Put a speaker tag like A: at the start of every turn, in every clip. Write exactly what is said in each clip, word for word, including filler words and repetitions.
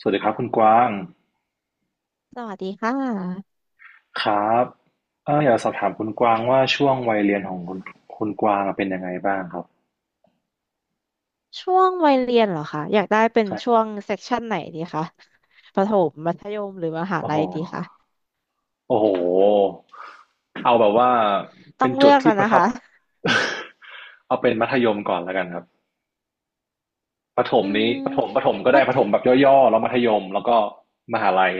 A: สวัสดีครับคุณกวาง
B: สวัสดีค่ะ
A: ครับเอออยากสอบถามคุณกวางว่าช่วงวัยเรียนของคุณคุณกวางเป็นยังไงบ้างครับ
B: ช่วงวัยเรียนเหรอคะอยากได้เป็น
A: ครั
B: ช่
A: บ
B: วงเซกชันไหนดีคะประถมมัธยม หรือมหา
A: โอ้โห
B: ลัยดีคะ
A: โอ้โหเอาแบบว่า
B: ต้อ
A: เป็น
B: งเลื
A: จุด
B: อก
A: ที่
B: กัน
A: ประ
B: นะ
A: ทับ
B: คะ
A: เอาเป็นมัธยมก่อนแล้วกันครับประถม
B: อื
A: นี้
B: ม
A: ประถมประถมก็
B: มั
A: ได้ป
B: ธ
A: ระถมแบบย่อๆแล้วมัธยมแล้วก็มหาลัย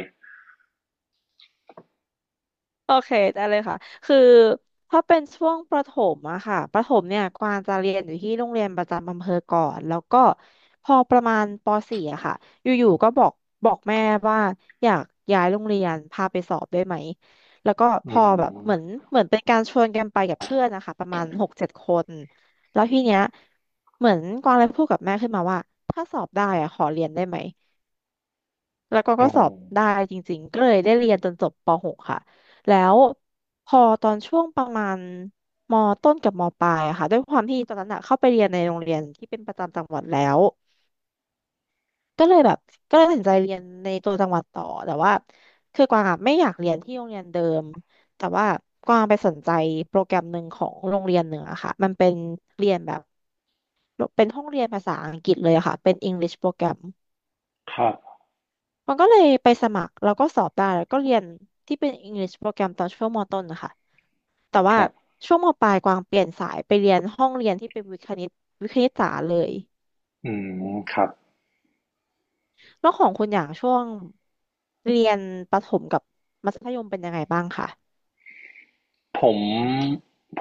B: โอเคได้เลยค่ะคือถ้าเป็นช่วงประถมอะค่ะประถมเนี่ยกวางจะเรียนอยู่ที่โรงเรียนประจำอำเภอก่อนแล้วก็พอประมาณป .สี่ อะค่ะอยู่ๆก็บอกบอกแม่ว่าอยากย้ายโรงเรียนพาไปสอบได้ไหมแล้วก็
A: อื
B: พอแบบเหมือน
A: ม
B: เหมือนเป็นการชวนกันไปกับเพื่อนนะคะประมาณหกเจ็ดคนแล้วทีเนี้ยเหมือนกวางเลยพูดกับแม่ขึ้นมาว่าถ้าสอบได้อะขอเรียนได้ไหม แล้วก็ก็
A: โอ้
B: สอบได้จริงๆก็เลยได้เรียนจนจบป .หก ค่ะแล้วพอตอนช่วงประมาณมต้นกับมปลายอะค่ะด้วยความที่ตอนนั้นอะเข้าไปเรียนในโรงเรียนที่เป็นประจำจังหวัดแล้วก็เลยแบบก็เลยตัดสินใจเรียนในตัวจังหวัดต่อแต่ว่าคือกวางอะไม่อยากเรียนที่โรงเรียนเดิมแต่ว่ากวางไปสนใจโปรแกรมหนึ่งของโรงเรียนหนึ่งอะค่ะมันเป็นเรียนแบบเป็นห้องเรียนภาษาอังกฤษเลยอะค่ะเป็น English โปรแกรม
A: ครับ
B: มันก็เลยไปสมัครแล้วก็สอบได้แล้วก็เรียนที่เป็น English โปรแกรมตอนช่วงมต้นนะคะแต่
A: ค
B: ว่า
A: รับ
B: ช่วงมปลายกวางเปลี่ยนสายไปเรียนห้องเรียนที่เป็นวิทย์คณิตวิทย์คณิตศาสตร์เลย
A: อืมครับ
B: แล้วของคุณอย่างช่วงเรียนประถมกับมัธยมเป็นยังไงบ้างคะ
A: ผม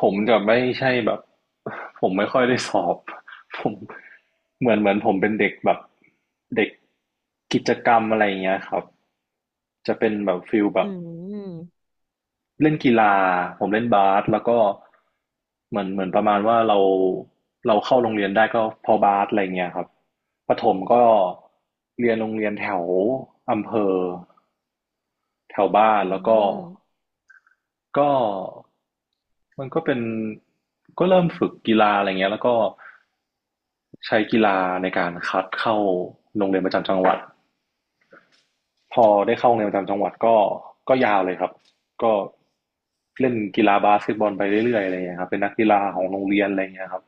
A: ผมจะไม่ใช่แบบ ผมไม่ค่อยได้สอบ ผมเหมือนเหมือนผมเป็นเด็กแบบเด็กกิจกรรมอะไรอย่างเงี้ยครับจะเป็นแบบฟิลแบ
B: อื
A: บ
B: ม
A: เล่นกีฬาผมเล่นบาสแล้วก็เหมือนเหมือนประมาณว่าเราเราเข้าโรงเรียนได้ก็เพอบาสอะไรเงี้ยครับประถมก็เรียนโรงเรียนแถวอำเภอแถวบ้าน
B: อื
A: แล้วก็
B: ม
A: ก็ มันก็เป็นก็เริ่มฝึกกีฬาอะไรเงี้ยแล้วก็ใช้กีฬาในการคัดเข้าโรงเรียนประจำจังหวัดพอได้เข้าโรงเรียนประจำจังหวัดก็ก็ยาวเลยครับก็เล่นกีฬาบาสเกตบอลไปเรื่อยๆอะไรเงี้ยครับเป็นนักกีฬาของโรงเรียนอะไรเงี้ยครับ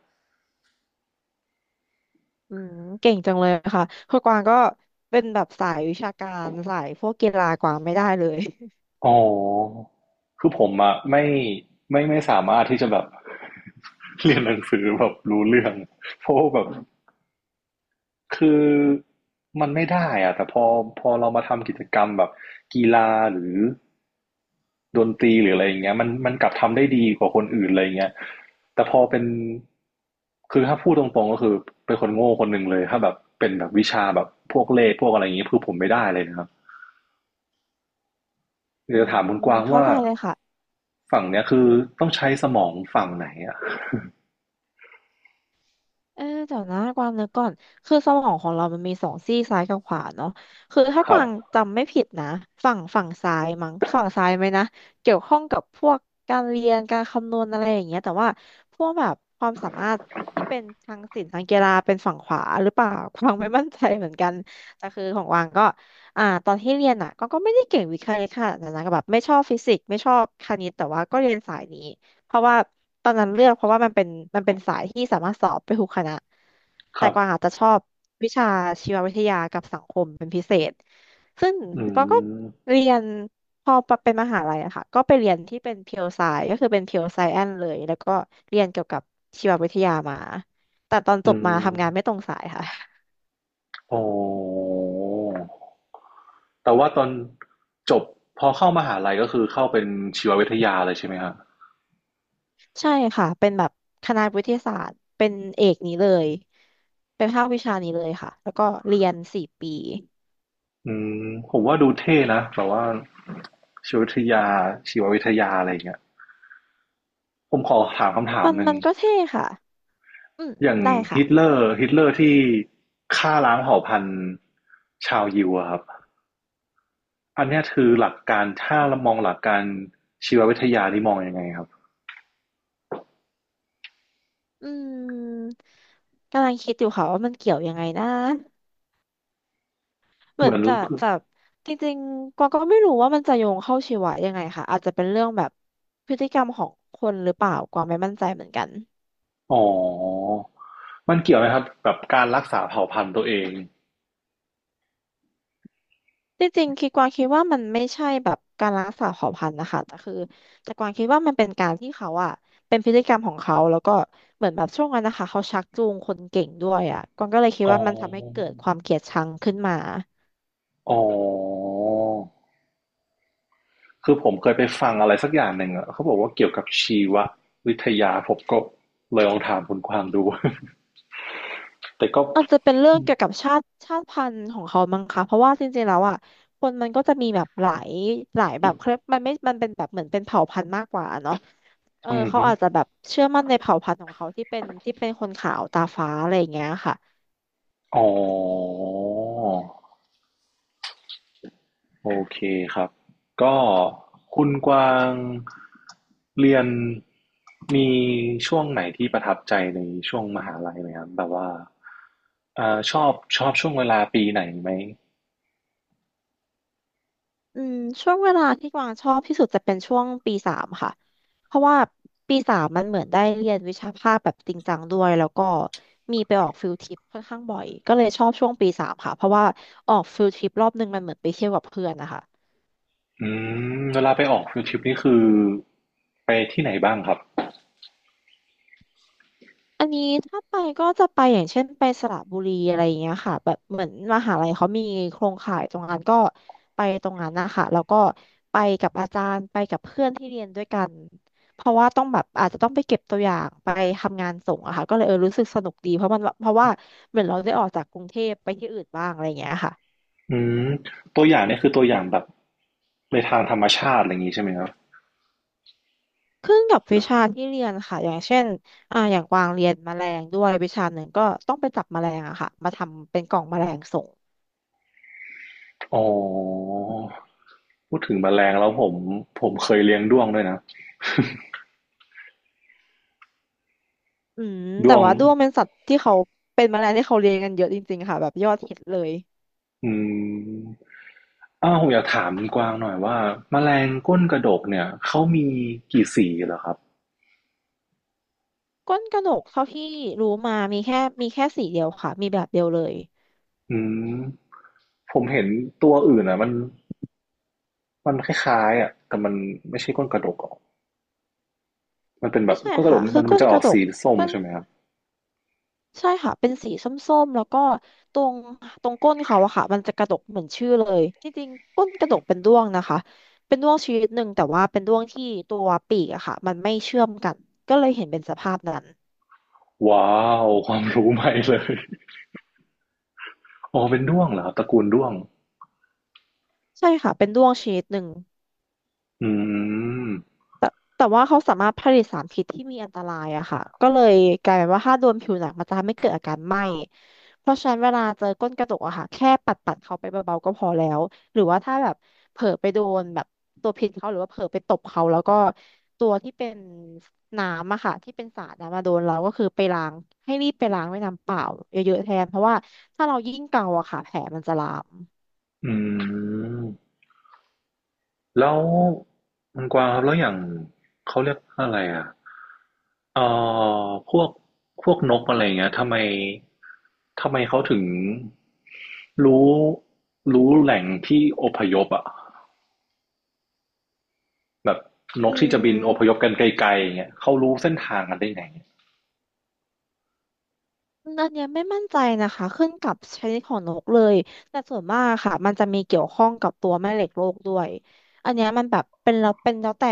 B: อืมเก่งจังเลยค่ะคือกวางก็เป็นแบบสายวิชาการสายพวกกีฬากวางไม่ได้เลย
A: อ๋อคือผมอะไม่ไม่ไม่สามารถที่จะแบบ เรียนหนังสือแบบรู้เรื่องเพราะว่าแบบ คือมันไม่ได้อะแต่พอพอเรามาทำกิจกรรมแบบกีฬาหรือดนตรีหรืออะไรอย่างเงี้ยมันมันกลับทำได้ดีกว่าคนอื่นอะไรอย่างเงี้ยแต่พอเป็นคือถ้าพูดตรงๆก็คือเป็นคนโง่คนหนึ่งเลยถ้าแบบเป็นแบบวิชาแบบพวกเลขพวกอะไรอย่างเงี้ยคือผมไม่ได้เลยนะครับ
B: อื
A: เดี๋ยวถาม
B: ม
A: คุณกวาง
B: เข้า
A: ว่า
B: ใจเลยค่ะ
A: ฝั่งเนี้ยคือต้องใช้สมองฝั่งไหนอะ
B: เออเดี๋ยวนะกวางนึกก่อนคือสมองของเรามันมีสองซี่ซ้ายกับขวาเนาะคือถ้า
A: ค
B: ก
A: รับ
B: วางจำไม่ผิดนะฝั่งฝั่งซ้ายมั้งฝั่งซ้ายไหมนะเกี่ยวข้องกับพวกการเรียนการคำนวณอะไรอย่างเงี้ยแต่ว่าพวกแบบความสามารถที่เป็นทางศิลป์ทางกีฬาเป็นฝั่งขวาหรือเปล่ากวางไม่มั่นใจเหมือนกันแต่คือของกวางก็อ่าตอนที่เรียนอ่ะก็ก็ไม่ได้เก่งวิทย์คณิตค่ะนันนะก็แบบไม่ชอบฟิสิกส์ไม่ชอบคณิตแต่ว่าก็เรียนสายนี้ เพราะว่าตอนนั้นเลือกเพราะว่ามันเป็นมันเป็นสายที่สามารถสอบไปทุกคณะ
A: ค
B: แต่
A: รับ
B: กวางอาจจะชอบวิชาชีววิทยากับสังคมเป็นพิเศษซึ่ง
A: อื
B: กวางก็
A: ม
B: เรียนพอเป็นมหาลัยอะค่ะก็ไปเรียนที่เป็นเพียวไซก็คือเป็นเพียวไซแอนเลยแล้วก็เรียนเกี่ยวกับชีววิทยามาแต่ตอน
A: อื
B: จบมา
A: ม
B: ทำงานไม่ตรงสายค่ะ
A: โอ้ แต่ว่าตอนจบพอเข้ามหาลัยก็คือเข้าเป็นชีววิทยาเลยใช่ไหมฮะ
B: ใช่ค่ะเป็นแบบคณะวิทยาศาสตร์เป็นเอกนี้เลยเป็นภาควิชานี้เลยค่ะแล้วก็เรียนสี่ปี
A: อืมผมว่าดูเท่นะแบบว่าชีววิทยาชีววิทยาอะไรอย่างเงี้ยผมขอถามคำถาม
B: มัน
A: หนึ่ง
B: มันก็เท่ค่ะ อืม
A: อย่าง
B: ได้ค่ะ
A: ฮิตเลอร์ฮิตเลอร์ที่ฆ่าล้างเผ่าพันธุ์ชาวยิวอะครับอันนี้คือหลักการถ้าเรามองหลักการชีววิทยานี่มองยังไงครับ
B: อืมกำลังคิดอยู่ค่ะว่ามันเกี่ยวยังไงนะเห
A: เห
B: มือ
A: มื
B: น
A: อน
B: จะจะจริงๆกวางก็ไม่รู้ว่ามันจะโยงเข้าชีวะยังไงค่ะอาจจะเป็นเรื่องแบบพฤติกรรมของคนหรือเปล่ากวางไม่มั่นใจเหมือนกัน
A: อ๋อมันเกี่ยวไหมครับกับการรักษาเผ่าพันธุ์ตัวเอง
B: จริงๆคิดกวางคิดว่ามันไม่ใช่แบบการรักษาเผ่าพันธุ์นะคะแต่คือแต่กวางคิดว่ามันเป็นการที่เขาอะเป็นพฤติกรรมของเขาแล้วก็เหมือนแบบช่วงนั้นนะคะเขาชักจูงคนเก่งด้วยอะกวางก็เลยคิด
A: อ๋
B: ว่ามันทำให้
A: อ
B: เกิดความเกลียดชังขึ้นมา
A: อ๋อ คือผมเคยไปฟังอะไรสักอย่างหนึ่งอะเขาบอกว่าเกี่ยวกับชีววิทยาผมก็เลยลองถามคุณกวางดู แต่ก็
B: อาจจะเป็นเรื่องเกี่ยวกับชาติชาติพันธุ์ของเขามั้งคะเพราะว่าจริงๆแล้วอ่ะคนมันก็จะมีแบบหลายหลายแบบเครยมันไม่มันเป็นแบบเหมือนเป็นเผ่าพันธุ์มากกว่าเนาะเออ
A: อืม
B: เขา
A: ฮึ
B: อาจจะแบบเชื่อมั่นในเผ่าพันธุ์ของเขาที่เป็นที่เป็นคนขาวตาฟ้าอะไรอย่างเงี้ยค่ะ
A: อ๋อ โอเคครับ ก็คุณกวางเรียนมีช่วงไหนที่ประทับใจในช่วงมหาลัยไหมครับแบบว่าเอ่อชอบชอบช่วงเวลาปีไหนไหม
B: อืมช่วงเวลาที่กวางชอบที่สุดจะเป็นช่วงปีสามค่ะเพราะว่าปีสามมันเหมือนได้เรียนวิชาภาคแบบจริงจังด้วยแล้วก็มีไปออกฟิลทริปค่อนข้างบ่อยก็เลยชอบช่วงปีสามค่ะเพราะว่าออกฟิลทริปรอบนึงมันเหมือนไปเที่ยวกับเพื่อนนะคะ
A: อืมเวลาไปออกฟิล์ทริปนี่คือไปที่ไหนบ้างครับ
B: อันนี้ถ้าไปก็จะไปอย่างเช่นไปสระบุรีอะไรอย่างเงี้ยค่ะแบบเหมือนมหาลัยเขามีโครงข่ายตรงนั้นก็ไปตรงนั้นนะคะแล้วก็ไปกับอาจารย์ไปกับเพื่อนที่เรียนด้วยกันเพราะว่าต้องแบบอาจจะต้องไปเก็บตัวอย่างไปทำงานส่งอะค่ะก็เลยเออรู้สึกสนุกดีเพราะมันเพราะว่าเหมือนเราได้ออกจากกรุงเทพไปที่อื่นบ้างอะไรอย่างเงี้ยค่ะ
A: อืมตัวอย่างเนี่ยคือตัวอย่างแบบในทางธรรมชาติอะไรอย่างนี้ใช่ไหมครับ
B: ขึ้นกับ
A: ห
B: วิ
A: รือ
B: ชาที่เรียนค่ะอย่างเช่นอ่าอย่างกวางเรียนแมลงด้วยวิชาหนึ่งก็ต้องไปจับแมลงอะค่ะมาทำเป็นกล่องแมลงส่ง
A: อ๋อพูดถึงแมลงแล้วผมผมเคยเลี้ยงด้วงด้วยนะ
B: อืม
A: ด้
B: แต่
A: วง
B: ว่าด้วงเป็นสัตว์ที่เขาเป็นแมลงที่เขาเลี้ยงกันเยอะจริงๆค่ะแบบยอดฮิตเลย
A: อืมอ้าวผมอยากถามคุณกวางหน่อยว่าแมลงก้นกระดกเนี่ยเขามีกี่สีเหรอครับ
B: ก้นกระหนกเท่าที่รู้มามีแค่มีแค่สีเดียวค่ะมีแบบเดียวเลย
A: อืมผมเห็นตัวอื่นอ่ะมันมันคล้ายๆอ่ะแต่มันไม่ใช่ก้นกระดกอ่ะมันเป็นแบ
B: ไม่
A: บ
B: ใช่
A: ก้นกระด
B: ค่ะ
A: ก
B: คื
A: มั
B: อ
A: นมัน
B: ก้น
A: จะอ
B: ก
A: อก
B: ระดก
A: สีส้ม
B: ก้น
A: ใช่ไหมครับ
B: ใช่ค่ะเป็นสีส้มๆแล้วก็ตรงตรงก้นเขาอะค่ะมันจะกระดกเหมือนชื่อเลยจริงๆก้นกระดกเป็นด้วงนะคะเป็นด้วงชนิดหนึ่งแต่ว่าเป็นด้วงที่ตัวปีกอะค่ะมันไม่เชื่อมกันก็เลยเห็นเป็นสภาพนั้น
A: ว้าวความรู้ใหม่เลย อ๋อเป็นด้วงเหรอครับตระกูลด้วง
B: ใช่ค่ะเป็นด้วงชนิดหนึ่ง
A: อืม
B: แต่แต่ว่าเขาสามารถผลิตสารพิษที่มีอันตรายอะค่ะก็เลยกลายเป็นว่าถ้าโดนผิวหนังมันจะทำให้เกิดอาการไหม้เพราะฉะนั้นเวลาเจอก้นกระจกอะค่ะแค่ปัดปัดเขาไปเบาๆก็พอแล้วหรือว่าถ้าแบบเผลอไปโดนแบบตัวพิษเขาหรือว่าเผลอไปตบเขาแล้วก็ตัวที่เป็นน้ำอะค่ะที่เป็นสารนะมาโดนเราก็คือไปล้างให้รีบไปล้างด้วยน้ำเปล่าเยอะๆแทนเพราะว่าถ้าเรายิ่งเกาอะค่ะแผลมันจะลาม
A: อืมแล้วมันกวางครับแล้วอย่างเขาเรียกว่าอะไรอ่ะเอ่อพวกพวกนกอะไรเงี้ยทำไมทำไมเขาถึงรู้รู้แหล่งที่อพยพอ่ะแบบน
B: อื
A: กที่จะบินอพยพ
B: ม
A: กันไกลๆเงี้ยเขารู้เส้นทางกันได้ไง
B: อันเนี้ยไม่มั่นใจนะคะขึ้นกับชนิดของนกเลยแต่ส่วนมากค่ะมันจะมีเกี่ยวข้องกับตัวแม่เหล็กโลกด้วยอันเนี้ยมันแบบเป็นแล้วเป็นแล้วแต่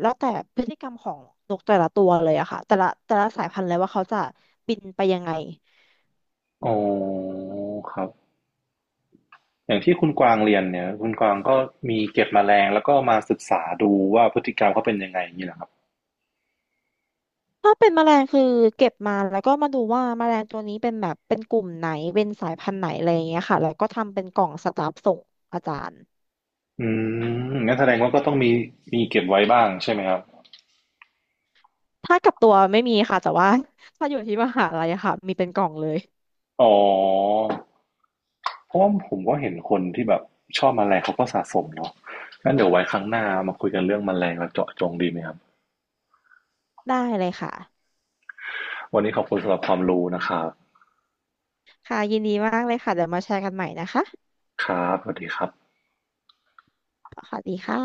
B: แล้วแต่พฤติกรรมของนกแต่ละตัวเลยอะค่ะแต่ละแต่ละสายพันธุ์เลยว่าเขาจะบินไปยังไง
A: อ๋อครับ อย่างที่คุณกวางเรียนเนี่ยคุณกวางก็มีเก็บแมลงแล้วก็มาศึกษาดูว่าพฤติกรรมเขาเป็นยังไงอย่างนี้เหรอครับ
B: ถ้าเป็นแมลงคือเก็บมาแล้วก็มาดูว่าแมลงตัวนี้เป็นแบบเป็นกลุ่มไหนเป็นสายพันธุ์ไหนอะไรอย่างเงี้ยค่ะแล้วก็ทำเป็นกล่องสตาฟส่งอาจารย์
A: อืมงั้นแสดงว่าก็ต้องมีมีเก็บไว้บ้างใช่ไหมครับ
B: ถ้ากับตัวไม่มีค่ะแต่ว่า ถ้าอยู่ที่มหาลัยอะค่ะมีเป็นกล่องเลย
A: อ๋อเพราะว่าผมก็เห็นคนที่แบบชอบแมลงเขาก็สะสมเนาะงั้นเดี๋ยวไว้ครั้งหน้ามาคุยกันเรื่องแมลงแล้วเจาะจงดีไหมครับ
B: ได้เลยค่ะ
A: วันนี้ขอบคุณสำหรับความรู้นะครับ
B: ค่ะยินดีมากเลยค่ะเดี๋ยวมาแชร์กันใหม่นะคะ
A: ครับสวัสดีครับ
B: สวัสดีค่ะ